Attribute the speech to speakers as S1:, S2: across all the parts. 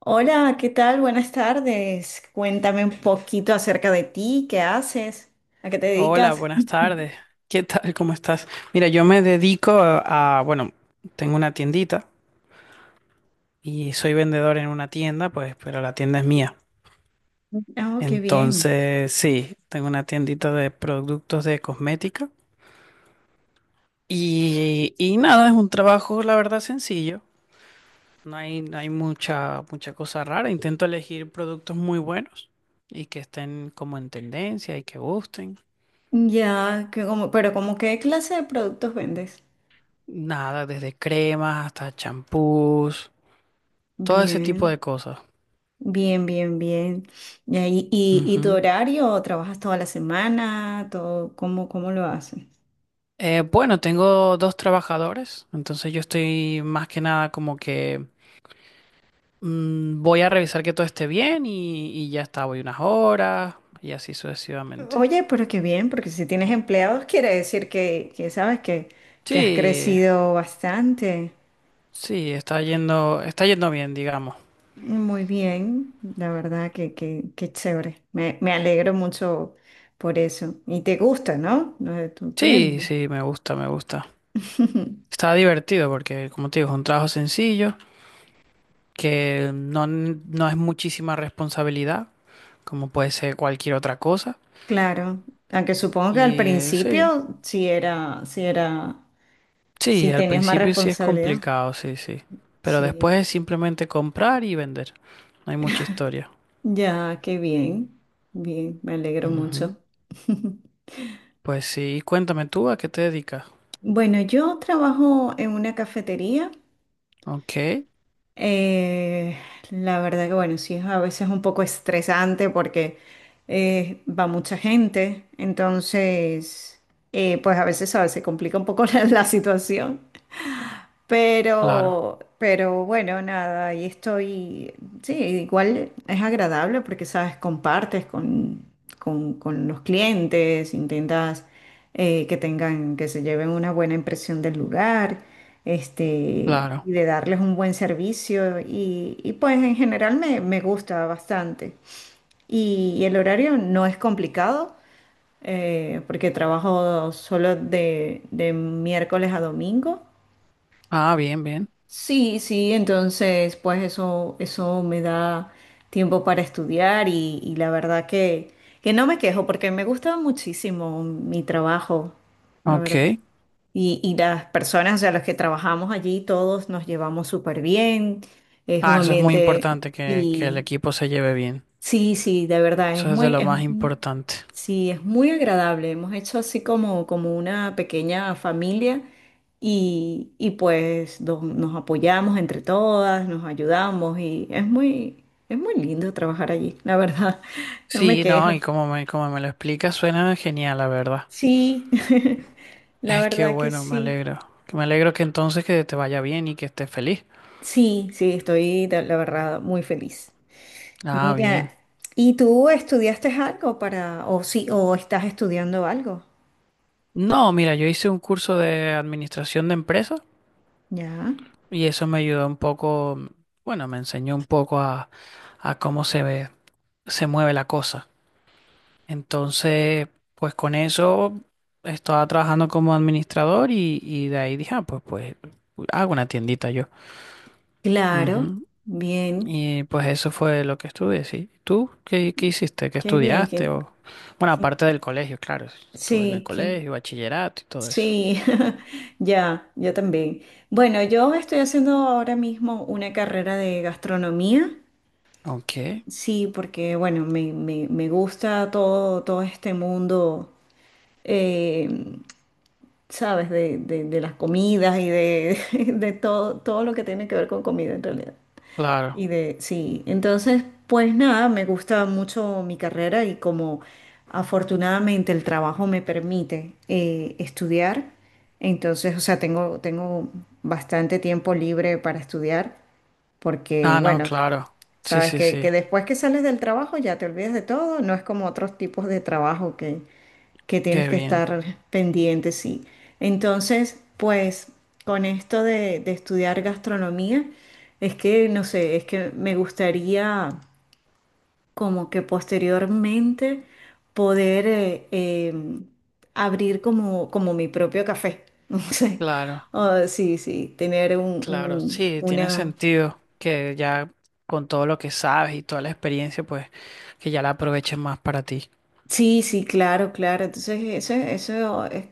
S1: Hola, ¿qué tal? Buenas tardes. Cuéntame un poquito acerca de ti, ¿qué haces? ¿A qué te
S2: Hola,
S1: dedicas?
S2: buenas tardes. ¿Qué tal? ¿Cómo estás? Mira, yo me dedico a, bueno, tengo una tiendita y soy vendedor en una tienda, pues, pero la tienda es mía.
S1: Oh, qué bien.
S2: Entonces, sí, tengo una tiendita de productos de cosmética y nada, es un trabajo, la verdad, sencillo. No hay mucha, mucha cosa rara. Intento elegir productos muy buenos y que estén como en tendencia y que gusten.
S1: Ya, que como, pero como ¿qué clase de productos vendes?
S2: Nada, desde cremas hasta champús, todo ese tipo de
S1: Bien,
S2: cosas.
S1: bien, bien, bien. Ya, ¿y tu
S2: Ujú.
S1: horario? ¿Trabajas toda la semana? Todo, ¿cómo lo haces?
S2: Bueno, tengo dos trabajadores, entonces yo estoy más que nada como que voy a revisar que todo esté bien y ya está, voy unas horas y así sucesivamente.
S1: Oye, pero qué bien, porque si tienes empleados quiere decir que sabes que has
S2: Sí,
S1: crecido bastante.
S2: sí, está yendo bien, digamos.
S1: Muy bien, la verdad que chévere. Me alegro mucho por eso. Y te gusta, ¿no? Lo de tu
S2: Sí,
S1: tienda.
S2: sí, me gusta, me gusta. Está divertido porque, como te digo, es un trabajo sencillo, que no, no es muchísima responsabilidad, como puede ser cualquier otra cosa.
S1: Claro, aunque supongo que al
S2: Y sí.
S1: principio
S2: Sí,
S1: sí
S2: al
S1: tenías más
S2: principio sí es
S1: responsabilidad.
S2: complicado, sí, sí. Pero
S1: Sí,
S2: después es simplemente comprar y vender. No hay mucha historia.
S1: ya, qué bien, bien, me alegro
S2: Ujú.
S1: mucho.
S2: Pues sí, cuéntame tú a qué te dedicas.
S1: Bueno, yo trabajo en una cafetería.
S2: Ok,
S1: Eh, la verdad que bueno, sí es a veces un poco estresante porque va mucha gente, entonces pues a veces, ¿sabes?, se complica un poco la situación.
S2: claro,
S1: Pero bueno, nada, ahí estoy. Sí, igual es agradable porque, sabes, compartes con los clientes, intentas que tengan, que se lleven una buena impresión del lugar, este,
S2: claro.
S1: y de darles un buen servicio. Y pues en general me gusta bastante. Y el horario no es complicado porque trabajo solo de miércoles a domingo.
S2: Ah, bien, bien.
S1: Sí, sí, entonces pues eso me da tiempo para estudiar y la verdad que no me quejo porque me gusta muchísimo mi trabajo, la verdad.
S2: Ok.
S1: Y las personas a las que trabajamos allí, todos nos llevamos súper bien, es un
S2: Ah, eso es muy
S1: ambiente
S2: importante que el
S1: y
S2: equipo se lleve bien.
S1: sí, sí, de verdad, es
S2: Eso es de
S1: muy,
S2: lo más importante.
S1: sí, es muy agradable. Hemos hecho así como una pequeña familia y pues nos apoyamos entre todas, nos ayudamos y es muy lindo trabajar allí, la verdad, no me
S2: Sí, no, y
S1: quejo.
S2: como me lo explicas, suena genial, la verdad.
S1: Sí, la
S2: Es que
S1: verdad que
S2: bueno, me
S1: sí.
S2: alegro. Me alegro que entonces que te vaya bien y que estés feliz.
S1: Sí, sí, estoy, la verdad, muy feliz.
S2: Ah, bien.
S1: Mira, ¿y tú estudiaste algo para, o sí, o estás estudiando algo?
S2: No, mira, yo hice un curso de administración de empresas
S1: Ya.
S2: y eso me ayudó un poco, bueno, me enseñó un poco a cómo se ve, se mueve la cosa. Entonces, pues con eso estaba trabajando como administrador y de ahí dije, ah, pues, pues hago una tiendita yo.
S1: Claro,
S2: Ujú.
S1: bien,
S2: Y pues eso fue lo que estudié, sí. ¿Tú qué, qué hiciste? ¿Qué
S1: qué bien,
S2: estudiaste? O... Bueno,
S1: que-
S2: aparte del colegio, claro, estuve en el
S1: sí, que,
S2: colegio, bachillerato y todo eso.
S1: sí, ya, yo también. Bueno, yo estoy haciendo ahora mismo una carrera de gastronomía,
S2: Ok,
S1: sí, porque, bueno, me gusta todo, todo este mundo, eh, ¿sabes? De las comidas y de, de todo, todo lo que tiene que ver con comida en realidad. Y
S2: claro.
S1: de, sí, entonces, pues nada, me gusta mucho mi carrera y como afortunadamente el trabajo me permite estudiar, entonces, o sea, tengo bastante tiempo libre para estudiar, porque
S2: Ah, no,
S1: bueno,
S2: claro. Sí,
S1: sabes
S2: sí,
S1: que
S2: sí.
S1: después que sales del trabajo ya te olvidas de todo, no es como otros tipos de trabajo que tienes
S2: Qué
S1: que
S2: bien.
S1: estar pendiente, sí. Entonces, pues con esto de estudiar gastronomía, es que, no sé, es que me gustaría como que posteriormente poder abrir como mi propio café, no sé.
S2: Claro,
S1: Ah, sí, sí, tener
S2: claro. Sí, tiene
S1: una,
S2: sentido que ya con todo lo que sabes y toda la experiencia, pues que ya la aproveches más para ti.
S1: sí, sí, claro, claro. Entonces, eso es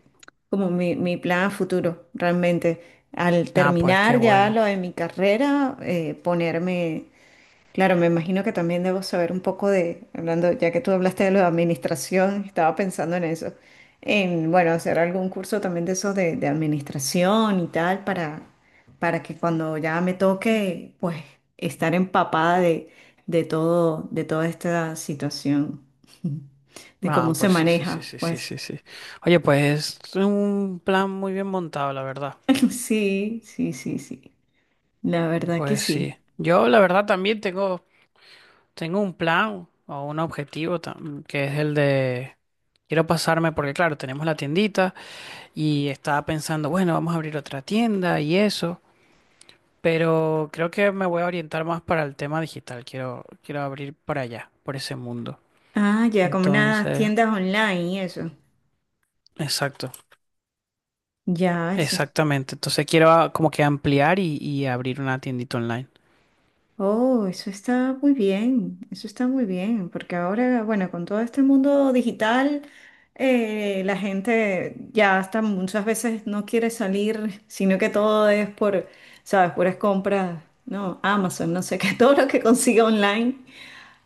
S1: como mi plan a futuro, realmente. Al
S2: Ah, pues qué
S1: terminar ya
S2: bueno.
S1: lo de mi carrera, ponerme claro, me imagino que también debo saber un poco de, hablando, ya que tú hablaste de lo de administración, estaba pensando en eso, en, bueno, hacer algún curso también de eso de administración y tal, para que cuando ya me toque, pues, estar empapada de todo, de toda esta situación, de
S2: Ah,
S1: cómo se
S2: pues sí, sí, sí,
S1: maneja,
S2: sí, sí,
S1: pues.
S2: sí, sí. Oye, pues es un plan muy bien montado, la verdad.
S1: Sí, sí, sí, sí. La verdad que
S2: Pues sí.
S1: sí.
S2: Yo, la verdad, también tengo, tengo un plan o un objetivo que es el de quiero pasarme, porque claro, tenemos la tiendita. Y estaba pensando, bueno, vamos a abrir otra tienda y eso, pero creo que me voy a orientar más para el tema digital, quiero, quiero abrir para allá, por ese mundo.
S1: Ah, ya, como unas
S2: Entonces,
S1: tiendas online y eso.
S2: exacto,
S1: Ya, eso es.
S2: exactamente. Entonces quiero como que ampliar y abrir una tiendita online.
S1: Oh, eso está muy bien, eso está muy bien, porque ahora, bueno, con todo este mundo digital, la gente ya hasta muchas veces no quiere salir, sino que todo es por, ¿sabes? Puras compras, no, Amazon, no sé qué, todo lo que consiga online.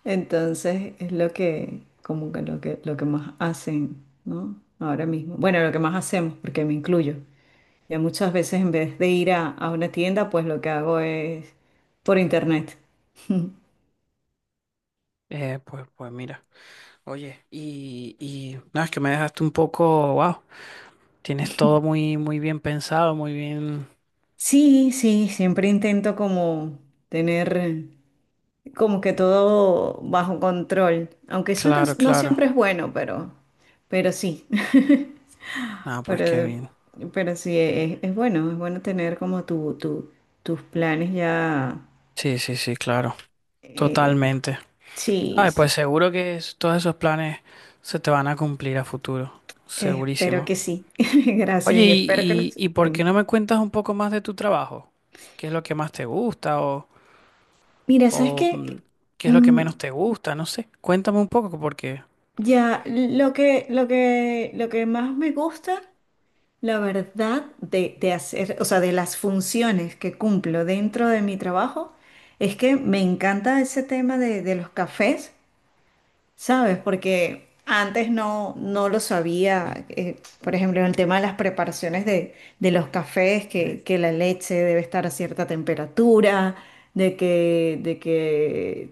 S1: Entonces es lo que, como que lo que, lo que más hacen, ¿no? Ahora mismo. Bueno, lo que más hacemos, porque me incluyo. Ya muchas veces en vez de ir a una tienda, pues lo que hago es por internet.
S2: Pues mira, oye, y no, es que me dejaste un poco, wow, tienes todo muy, muy bien pensado, muy bien,
S1: Sí, sí, siempre intento como tener como que todo bajo control, aunque eso no,
S2: claro,
S1: no
S2: claro.
S1: siempre es bueno, pero sí,
S2: Ah, pues qué
S1: pero,
S2: bien.
S1: pero sí, es bueno tener como tus planes ya,
S2: Sí, sí, sí, claro,
S1: eh,
S2: totalmente.
S1: sí,
S2: Ay, pues
S1: sí,
S2: seguro que todos esos planes se te van a cumplir a futuro,
S1: espero
S2: segurísimo.
S1: que sí,
S2: Oye,
S1: gracias y espero que
S2: ¿y,
S1: los...
S2: y, y por qué
S1: Dime.
S2: no me cuentas un poco más de tu trabajo? ¿Qué es lo que más te gusta
S1: Mira, ¿sabes
S2: o
S1: qué?
S2: qué es lo que
S1: Mm,
S2: menos te gusta? No sé, cuéntame un poco porque,
S1: ya, lo que más me gusta, la verdad, de hacer, o sea, de las funciones que cumplo dentro de mi trabajo, es que me encanta ese tema de los cafés, ¿sabes? Porque antes no, no lo sabía, por ejemplo, el tema de las preparaciones de los cafés, que la leche debe estar a cierta temperatura, de que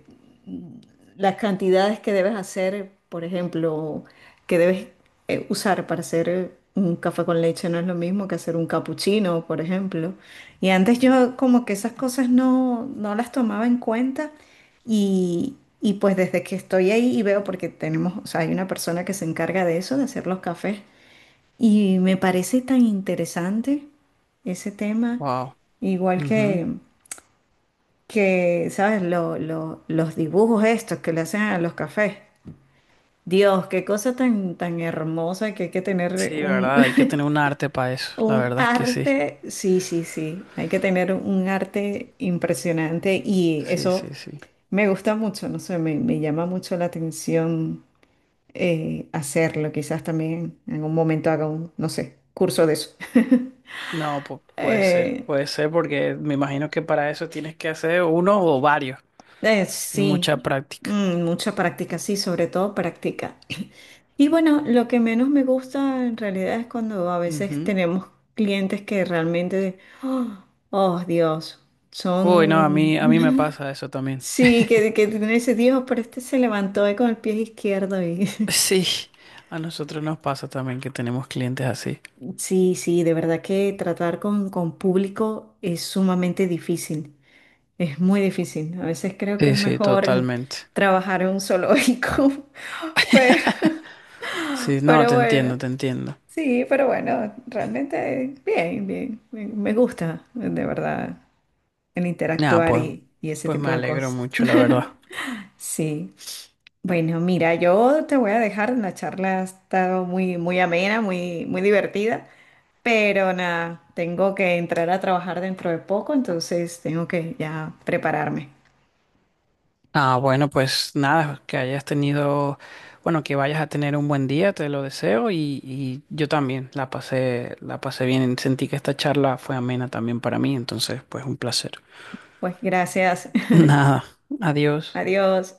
S1: las cantidades que debes hacer, por ejemplo, que debes usar para hacer un café con leche no es lo mismo que hacer un capuchino, por ejemplo. Y antes yo como que esas cosas no, no las tomaba en cuenta y, y pues desde que estoy ahí y veo, porque tenemos, o sea, hay una persona que se encarga de eso, de hacer los cafés, y me parece tan interesante ese tema,
S2: wow.
S1: igual
S2: Ujú.
S1: que, ¿sabes? Los dibujos estos que le hacen a los cafés. Dios, qué cosa tan, tan hermosa que hay que tener
S2: Sí,
S1: un,
S2: verdad, hay que tener un arte para eso, la
S1: un
S2: verdad es que sí.
S1: arte. Sí, sí, sí. Hay que tener un arte impresionante y
S2: Sí,
S1: eso
S2: sí, sí.
S1: me gusta mucho, no sé, me llama mucho la atención hacerlo. Quizás también en un momento haga un, no sé, curso de eso.
S2: No,
S1: Eh,
S2: puede ser porque me imagino que para eso tienes que hacer uno o varios y mucha
S1: Sí,
S2: práctica.
S1: mm, mucha práctica, sí, sobre todo práctica. Y bueno, lo que menos me gusta en realidad es cuando a veces
S2: Ujú.
S1: tenemos clientes que realmente, oh, oh, Dios,
S2: Uy, no,
S1: son,
S2: a mí me pasa eso también.
S1: sí, que tienen ese Dios, pero este se levantó hoy con el pie izquierdo y
S2: Sí, a nosotros nos pasa también que tenemos clientes así.
S1: sí, sí, de verdad que tratar con público es sumamente difícil, es muy difícil. A veces creo que
S2: Sí,
S1: es
S2: sí,
S1: mejor
S2: totalmente.
S1: trabajar en un zoológico, pero...
S2: Sí, no,
S1: Pero
S2: te
S1: bueno,
S2: entiendo, te entiendo.
S1: sí, pero bueno, realmente bien, bien, me gusta, de verdad, el
S2: Nada,
S1: interactuar
S2: pues,
S1: y ese
S2: pues me
S1: tipo de
S2: alegro
S1: cosas.
S2: mucho, la verdad.
S1: Sí, bueno, mira, yo te voy a dejar, la charla ha estado muy, muy amena, muy, muy divertida, pero nada, tengo que entrar a trabajar dentro de poco, entonces tengo que ya prepararme.
S2: Ah, bueno, pues nada, que hayas tenido, bueno, que vayas a tener un buen día, te lo deseo y yo también la pasé bien. Sentí que esta charla fue amena también para mí, entonces, pues un placer.
S1: Pues gracias,
S2: Nada, adiós.
S1: adiós.